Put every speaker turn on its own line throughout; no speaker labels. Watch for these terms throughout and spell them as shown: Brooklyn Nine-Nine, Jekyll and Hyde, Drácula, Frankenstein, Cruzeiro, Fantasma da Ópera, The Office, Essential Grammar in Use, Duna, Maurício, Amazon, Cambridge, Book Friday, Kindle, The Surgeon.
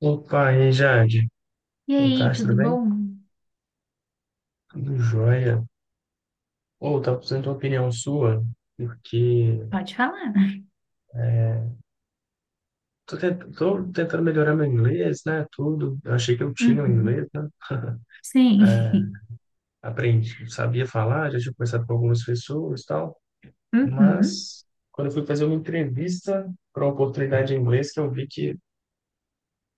Opa, e aí, Jade?
E
Boa
aí,
tarde,
tudo
tudo bem?
bom?
Tudo jóia. Ou, tá precisando de uma opinião sua, porque
Pode falar.
é, tô tentando melhorar meu inglês, né? Tudo. Eu achei que eu tinha o
Uhum.
inglês, né? É,
Sim.
aprendi, sabia falar, já tinha conversado com algumas pessoas e tal,
Uhum.
mas quando eu fui fazer uma entrevista para uma oportunidade em inglês, que eu vi que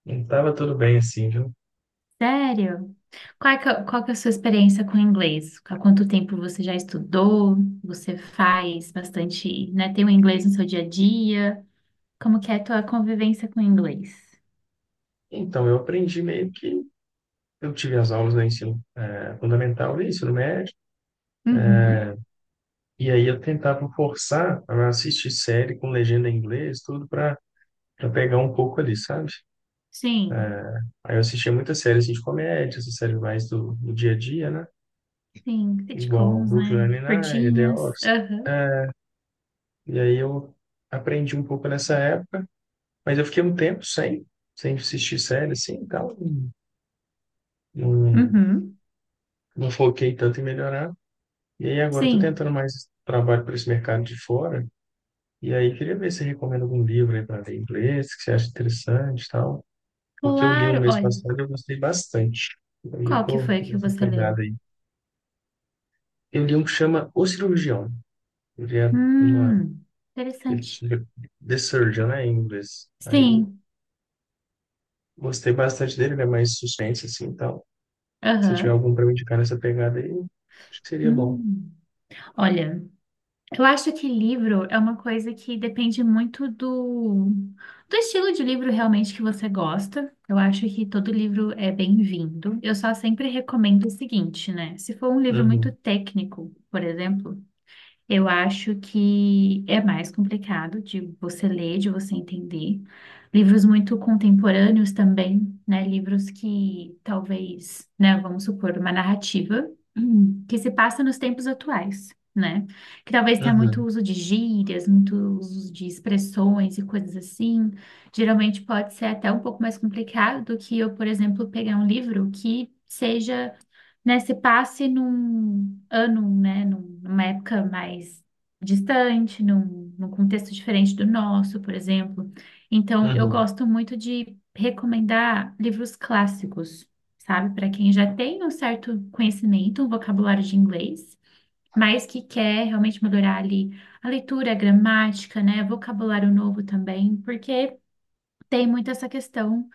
não estava tudo bem assim, viu?
Sério? Qual que é a sua experiência com o inglês? Há quanto tempo você já estudou? Você faz bastante, né? Tem o inglês no seu dia a dia? Como que é a tua convivência com o inglês?
Então, eu aprendi meio que. Eu tive as aulas do ensino, fundamental e ensino médio.
Uhum.
E aí eu tentava forçar a assistir série com legenda em inglês, tudo para pegar um pouco ali, sabe?
Sim.
Aí eu assistia muita série assim, de comédia, essa série mais do dia a dia, né?
Sim.
Igual
Sitcoms,
Brooklyn
né?
Nine-Nine, The
Curtinhas.
Office.
Aham.
É, E aí eu aprendi um pouco nessa época, mas eu fiquei um tempo sem assistir série, assim, então não,
Uhum.
não foquei tanto em melhorar. E aí agora eu tô
Sim.
tentando mais trabalho para esse mercado de fora, e aí queria ver se você recomenda algum livro aí para ler em inglês, que você acha interessante e tal. O que eu li um
Claro.
mês
Olha,
passado e eu gostei bastante. Aí eu
qual que
tô
foi que
nessa
você
pegada
leu?
aí. Eu li um que chama O Cirurgião. Ele é uma...
Hum,
Ele,
interessante.
The Surgeon, né, em inglês. Aí
Sim.
gostei bastante dele, ele é mais suspense, assim, então. Se tiver
Aham.
algum pra me indicar nessa pegada aí, acho que seria bom.
Hum. Olha, eu acho que livro é uma coisa que depende muito do estilo de livro realmente que você gosta. Eu acho que todo livro é bem-vindo. Eu só sempre recomendo o seguinte, né? Se for um livro muito
Uhum,
técnico, por exemplo, eu acho que é mais complicado de você ler, de você entender. Livros muito contemporâneos também, né? Livros que talvez, né, vamos supor, uma narrativa que se passa nos tempos atuais, né? Que talvez tenha muito
uhum,
uso de gírias, muito uso de expressões e coisas assim. Geralmente pode ser até um pouco mais complicado do que eu, por exemplo, pegar um livro que seja, né, se passe num ano, né, numa época mais distante, num contexto diferente do nosso, por exemplo. Então, eu
uhum,
gosto muito de recomendar livros clássicos, sabe, para quem já tem um certo conhecimento, um vocabulário de inglês, mas que quer realmente melhorar ali a leitura, a gramática, né, vocabulário novo também, porque tem muito essa questão,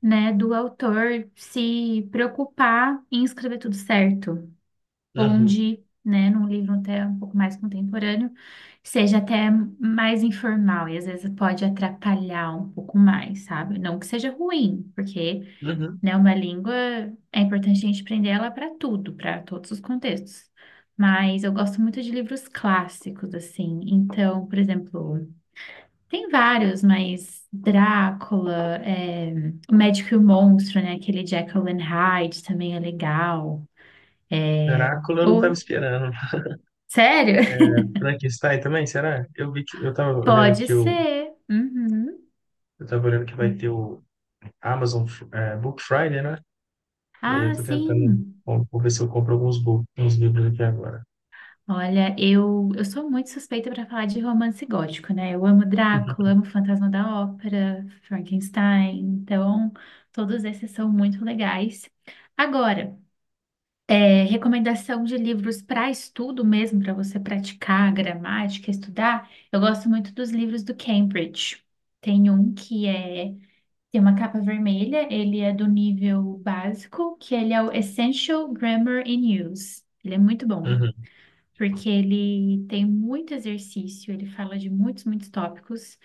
né, do autor se preocupar em escrever tudo certo
uhum,
onde, né, num livro até um pouco mais contemporâneo, seja até mais informal e às vezes pode atrapalhar um pouco mais, sabe? Não que seja ruim, porque,
uhum.
né, uma língua é importante a gente aprender ela para tudo, para todos os contextos. Mas eu gosto muito de livros clássicos, assim. Então, por exemplo, tem vários, mas Drácula, é, O Médico e o Monstro, né? Aquele de Jekyll and Hyde também é legal. É,
Drácula eu não tava
ou-
esperando.
Sério?
É, Frankenstein também, será? Eu vi que... Eu tava olhando
Pode
aqui o...
ser. Uhum.
Eu tava olhando que vai ter o Amazon Book Friday, né? E aí eu
Ah,
tô tentando,
sim.
bom, vou ver se eu compro uns livros aqui agora.
Olha, eu sou muito suspeita para falar de romance gótico, né? Eu amo
Uhum.
Drácula, amo Fantasma da Ópera, Frankenstein. Então, todos esses são muito legais. Agora, é, recomendação de livros para estudo mesmo, para você praticar a gramática, estudar. Eu gosto muito dos livros do Cambridge. Tem um que é, tem uma capa vermelha, ele é do nível básico, que ele é o Essential Grammar in Use. Ele é muito bom,
Uhum.
porque ele tem muito exercício, ele fala de muitos, muitos tópicos,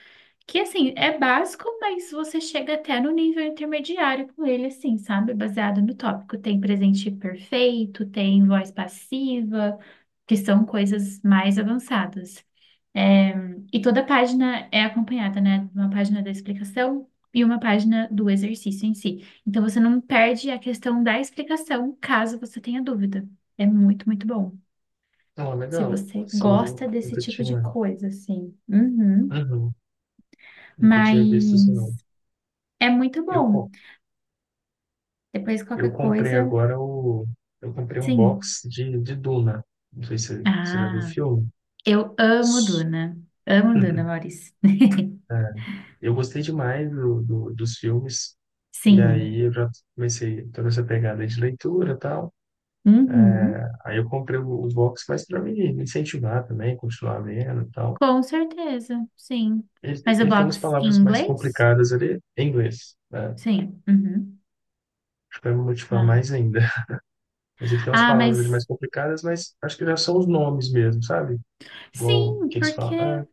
que assim, é básico, mas você chega até no nível intermediário com ele, assim, sabe? Baseado no tópico. Tem presente perfeito, tem voz passiva, que são coisas mais avançadas. É, e toda página é acompanhada, né, de uma página da explicação e uma página do exercício em si. Então você não perde a questão da explicação caso você tenha dúvida. É muito, muito bom.
Não, é
Se
legal.
você
Assim, eu
gosta desse
nunca
tipo de
tinha,
coisa, assim. Uhum.
uhum. Nunca tinha visto isso não.
Mas é muito
Eu,
bom.
co-
Depois
eu
qualquer
comprei
coisa,
agora o, eu comprei um
sim.
box de Duna. Não sei se você já viu o
Ah,
filme.
eu amo
S-
Duna. Amo Duna, Maurício.
É, eu gostei demais dos filmes. E
Sim.
aí eu já comecei toda essa pegada de leitura e tal.
Uhum.
Aí eu comprei o box mais para me incentivar também, continuar vendo e tal.
Com certeza, sim.
Ele,
Mas o
ele tem umas
box em
palavras mais
inglês?
complicadas ali em inglês, né?
Sim. Uhum.
Acho que vai me motivar
Ah.
mais ainda. Mas ele tem umas
Ah,
palavras ali mais
mas
complicadas, mas acho que já são os nomes mesmo, sabe? Igual
sim,
que eles
porque
falam. Ah,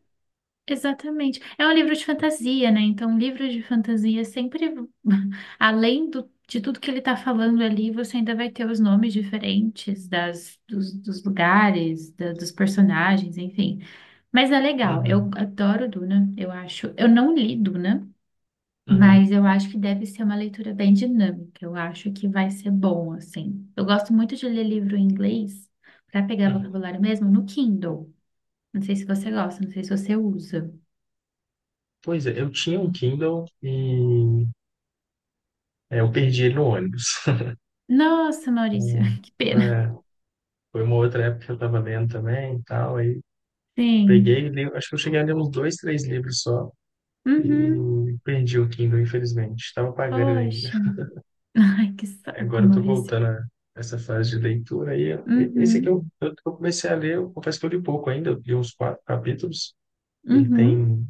exatamente. É um livro de fantasia, né? Então, livro de fantasia sempre, além de tudo que ele está falando ali, você ainda vai ter os nomes diferentes das, dos, dos lugares, dos personagens, enfim. Mas é legal.
uhum,
Eu adoro Duna, eu acho. Eu não li Duna. Mas
uhum,
eu acho que deve ser uma leitura bem dinâmica. Eu acho que vai ser bom, assim. Eu gosto muito de ler livro em inglês para pegar
uhum.
vocabulário mesmo no Kindle. Não sei se você gosta, não sei se você usa.
Pois é, eu tinha um Kindle e eu perdi ele no ônibus.
Nossa, Maurício,
Hum,
que pena.
é, foi uma outra época que eu estava lendo também e tal, aí
Sim.
peguei, e li, acho que eu cheguei a ler uns dois, três livros só
Uhum.
e perdi o Kindle, infelizmente. Estava pagando ele.
Poxa. Ai, que saco,
Agora eu tô
Maurício.
voltando a essa fase de leitura aí. Ó. Esse aqui
Uhum.
eu comecei a ler, eu confesso que eu li pouco ainda, eu li uns quatro capítulos, ele
Uhum.
tem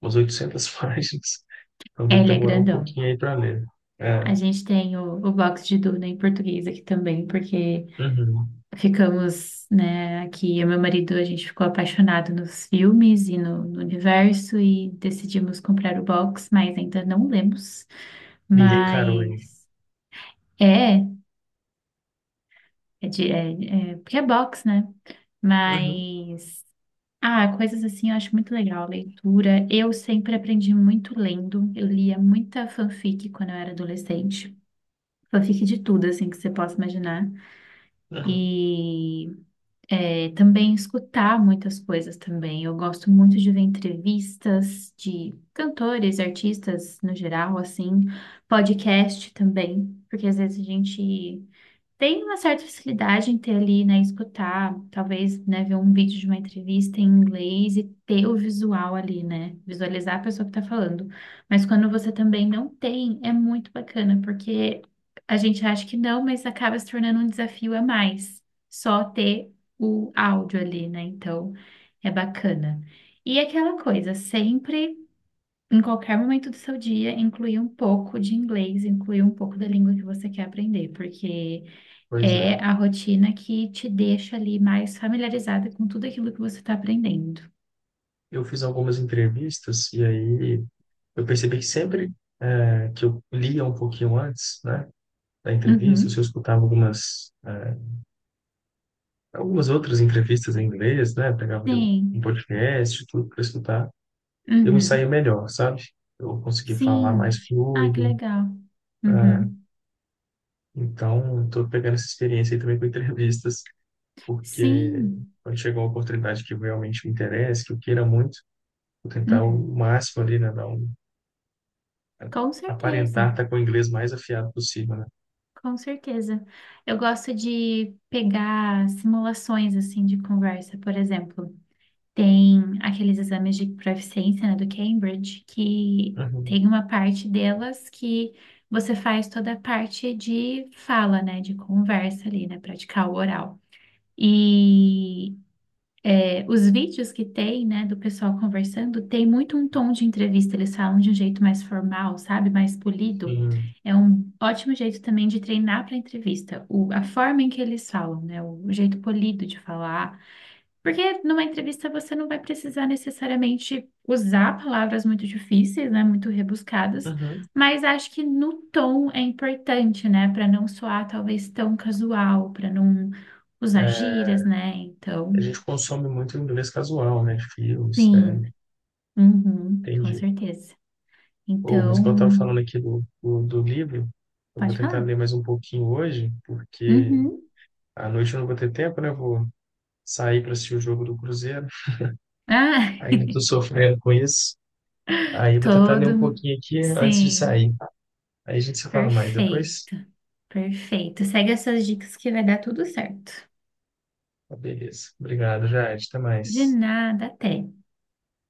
umas 800 páginas, então
É,
deve
ele é
demorar um
grandão.
pouquinho aí para ler. É,
A gente tem o box de Duna em português aqui também, porque
uhum.
ficamos, né, aqui, eu e meu marido, a gente ficou apaixonado nos filmes e no, no universo e decidimos comprar o box, mas ainda não lemos.
Ninguém encarou ainda.
Mas é, porque é box, né?
Uhum,
Mas ah, coisas assim eu acho muito legal, leitura. Eu sempre aprendi muito lendo. Eu lia muita fanfic quando eu era adolescente. Fanfic de tudo, assim, que você possa imaginar.
uhum.
E é, também escutar muitas coisas também. Eu gosto muito de ver entrevistas de cantores, artistas no geral, assim, podcast também, porque às vezes a gente tem uma certa facilidade em ter ali, né, escutar, talvez, né, ver um vídeo de uma entrevista em inglês e ter o visual ali, né, visualizar a pessoa que tá falando. Mas quando você também não tem, é muito bacana, porque a gente acha que não, mas acaba se tornando um desafio a mais, só ter o áudio ali, né, então é bacana. E aquela coisa, sempre. Em qualquer momento do seu dia, incluir um pouco de inglês, incluir um pouco da língua que você quer aprender, porque
Pois
é
é.
a rotina que te deixa ali mais familiarizada com tudo aquilo que você está aprendendo.
Eu fiz algumas entrevistas e aí eu percebi que sempre que eu lia um pouquinho antes, né, da entrevista, se eu
Uhum.
escutava algumas outras entrevistas em inglês, né? Pegava de um
Sim.
podcast, tudo para escutar. Eu não saía
Uhum.
melhor, sabe? Eu consegui falar mais
Sim. Ah, que
fluido.
legal.
Ah,
Uhum.
então, estou pegando essa experiência aí também com entrevistas, porque
Sim.
quando chega uma oportunidade que realmente me interessa, que eu queira muito, vou tentar o
Uhum.
máximo ali, né? Dar um,
Com
aparentar
certeza.
estar com o inglês mais afiado possível, né?
Com certeza. Eu gosto de pegar simulações assim de conversa, por exemplo. Tem aqueles exames de proficiência, né, do Cambridge, que
Uhum,
tem uma parte delas que você faz toda a parte de fala, né, de conversa ali, né, praticar o oral. E é, os vídeos que tem, né, do pessoal conversando, tem muito um tom de entrevista, eles falam de um jeito mais formal, sabe, mais polido.
sim.
É um ótimo jeito também de treinar para entrevista, o, a forma em que eles falam, né, o jeito polido de falar porque numa entrevista você não vai precisar necessariamente usar palavras muito difíceis, né, muito rebuscadas,
Uhum.
mas acho que no tom é importante, né, para não soar talvez tão casual, para não usar gírias, né?
A
Então,
gente consome muito inglês casual, né? Filmes,
sim,
séries,
uhum, com
entendi.
certeza.
Oh, mas
Então,
quando eu estava falando aqui do livro, eu vou
pode
tentar
falar.
ler mais um pouquinho hoje, porque
Uhum.
à noite eu não vou ter tempo, né? Eu vou sair para assistir o jogo do Cruzeiro.
Ah,
Ainda estou sofrendo com isso. Aí eu vou tentar ler um
todo,
pouquinho aqui antes de
sim,
sair. Aí a gente se fala mais depois.
perfeito, perfeito. Segue essas dicas que vai dar tudo certo.
Tá, beleza. Obrigado, Jade. Até
De
mais.
nada, até.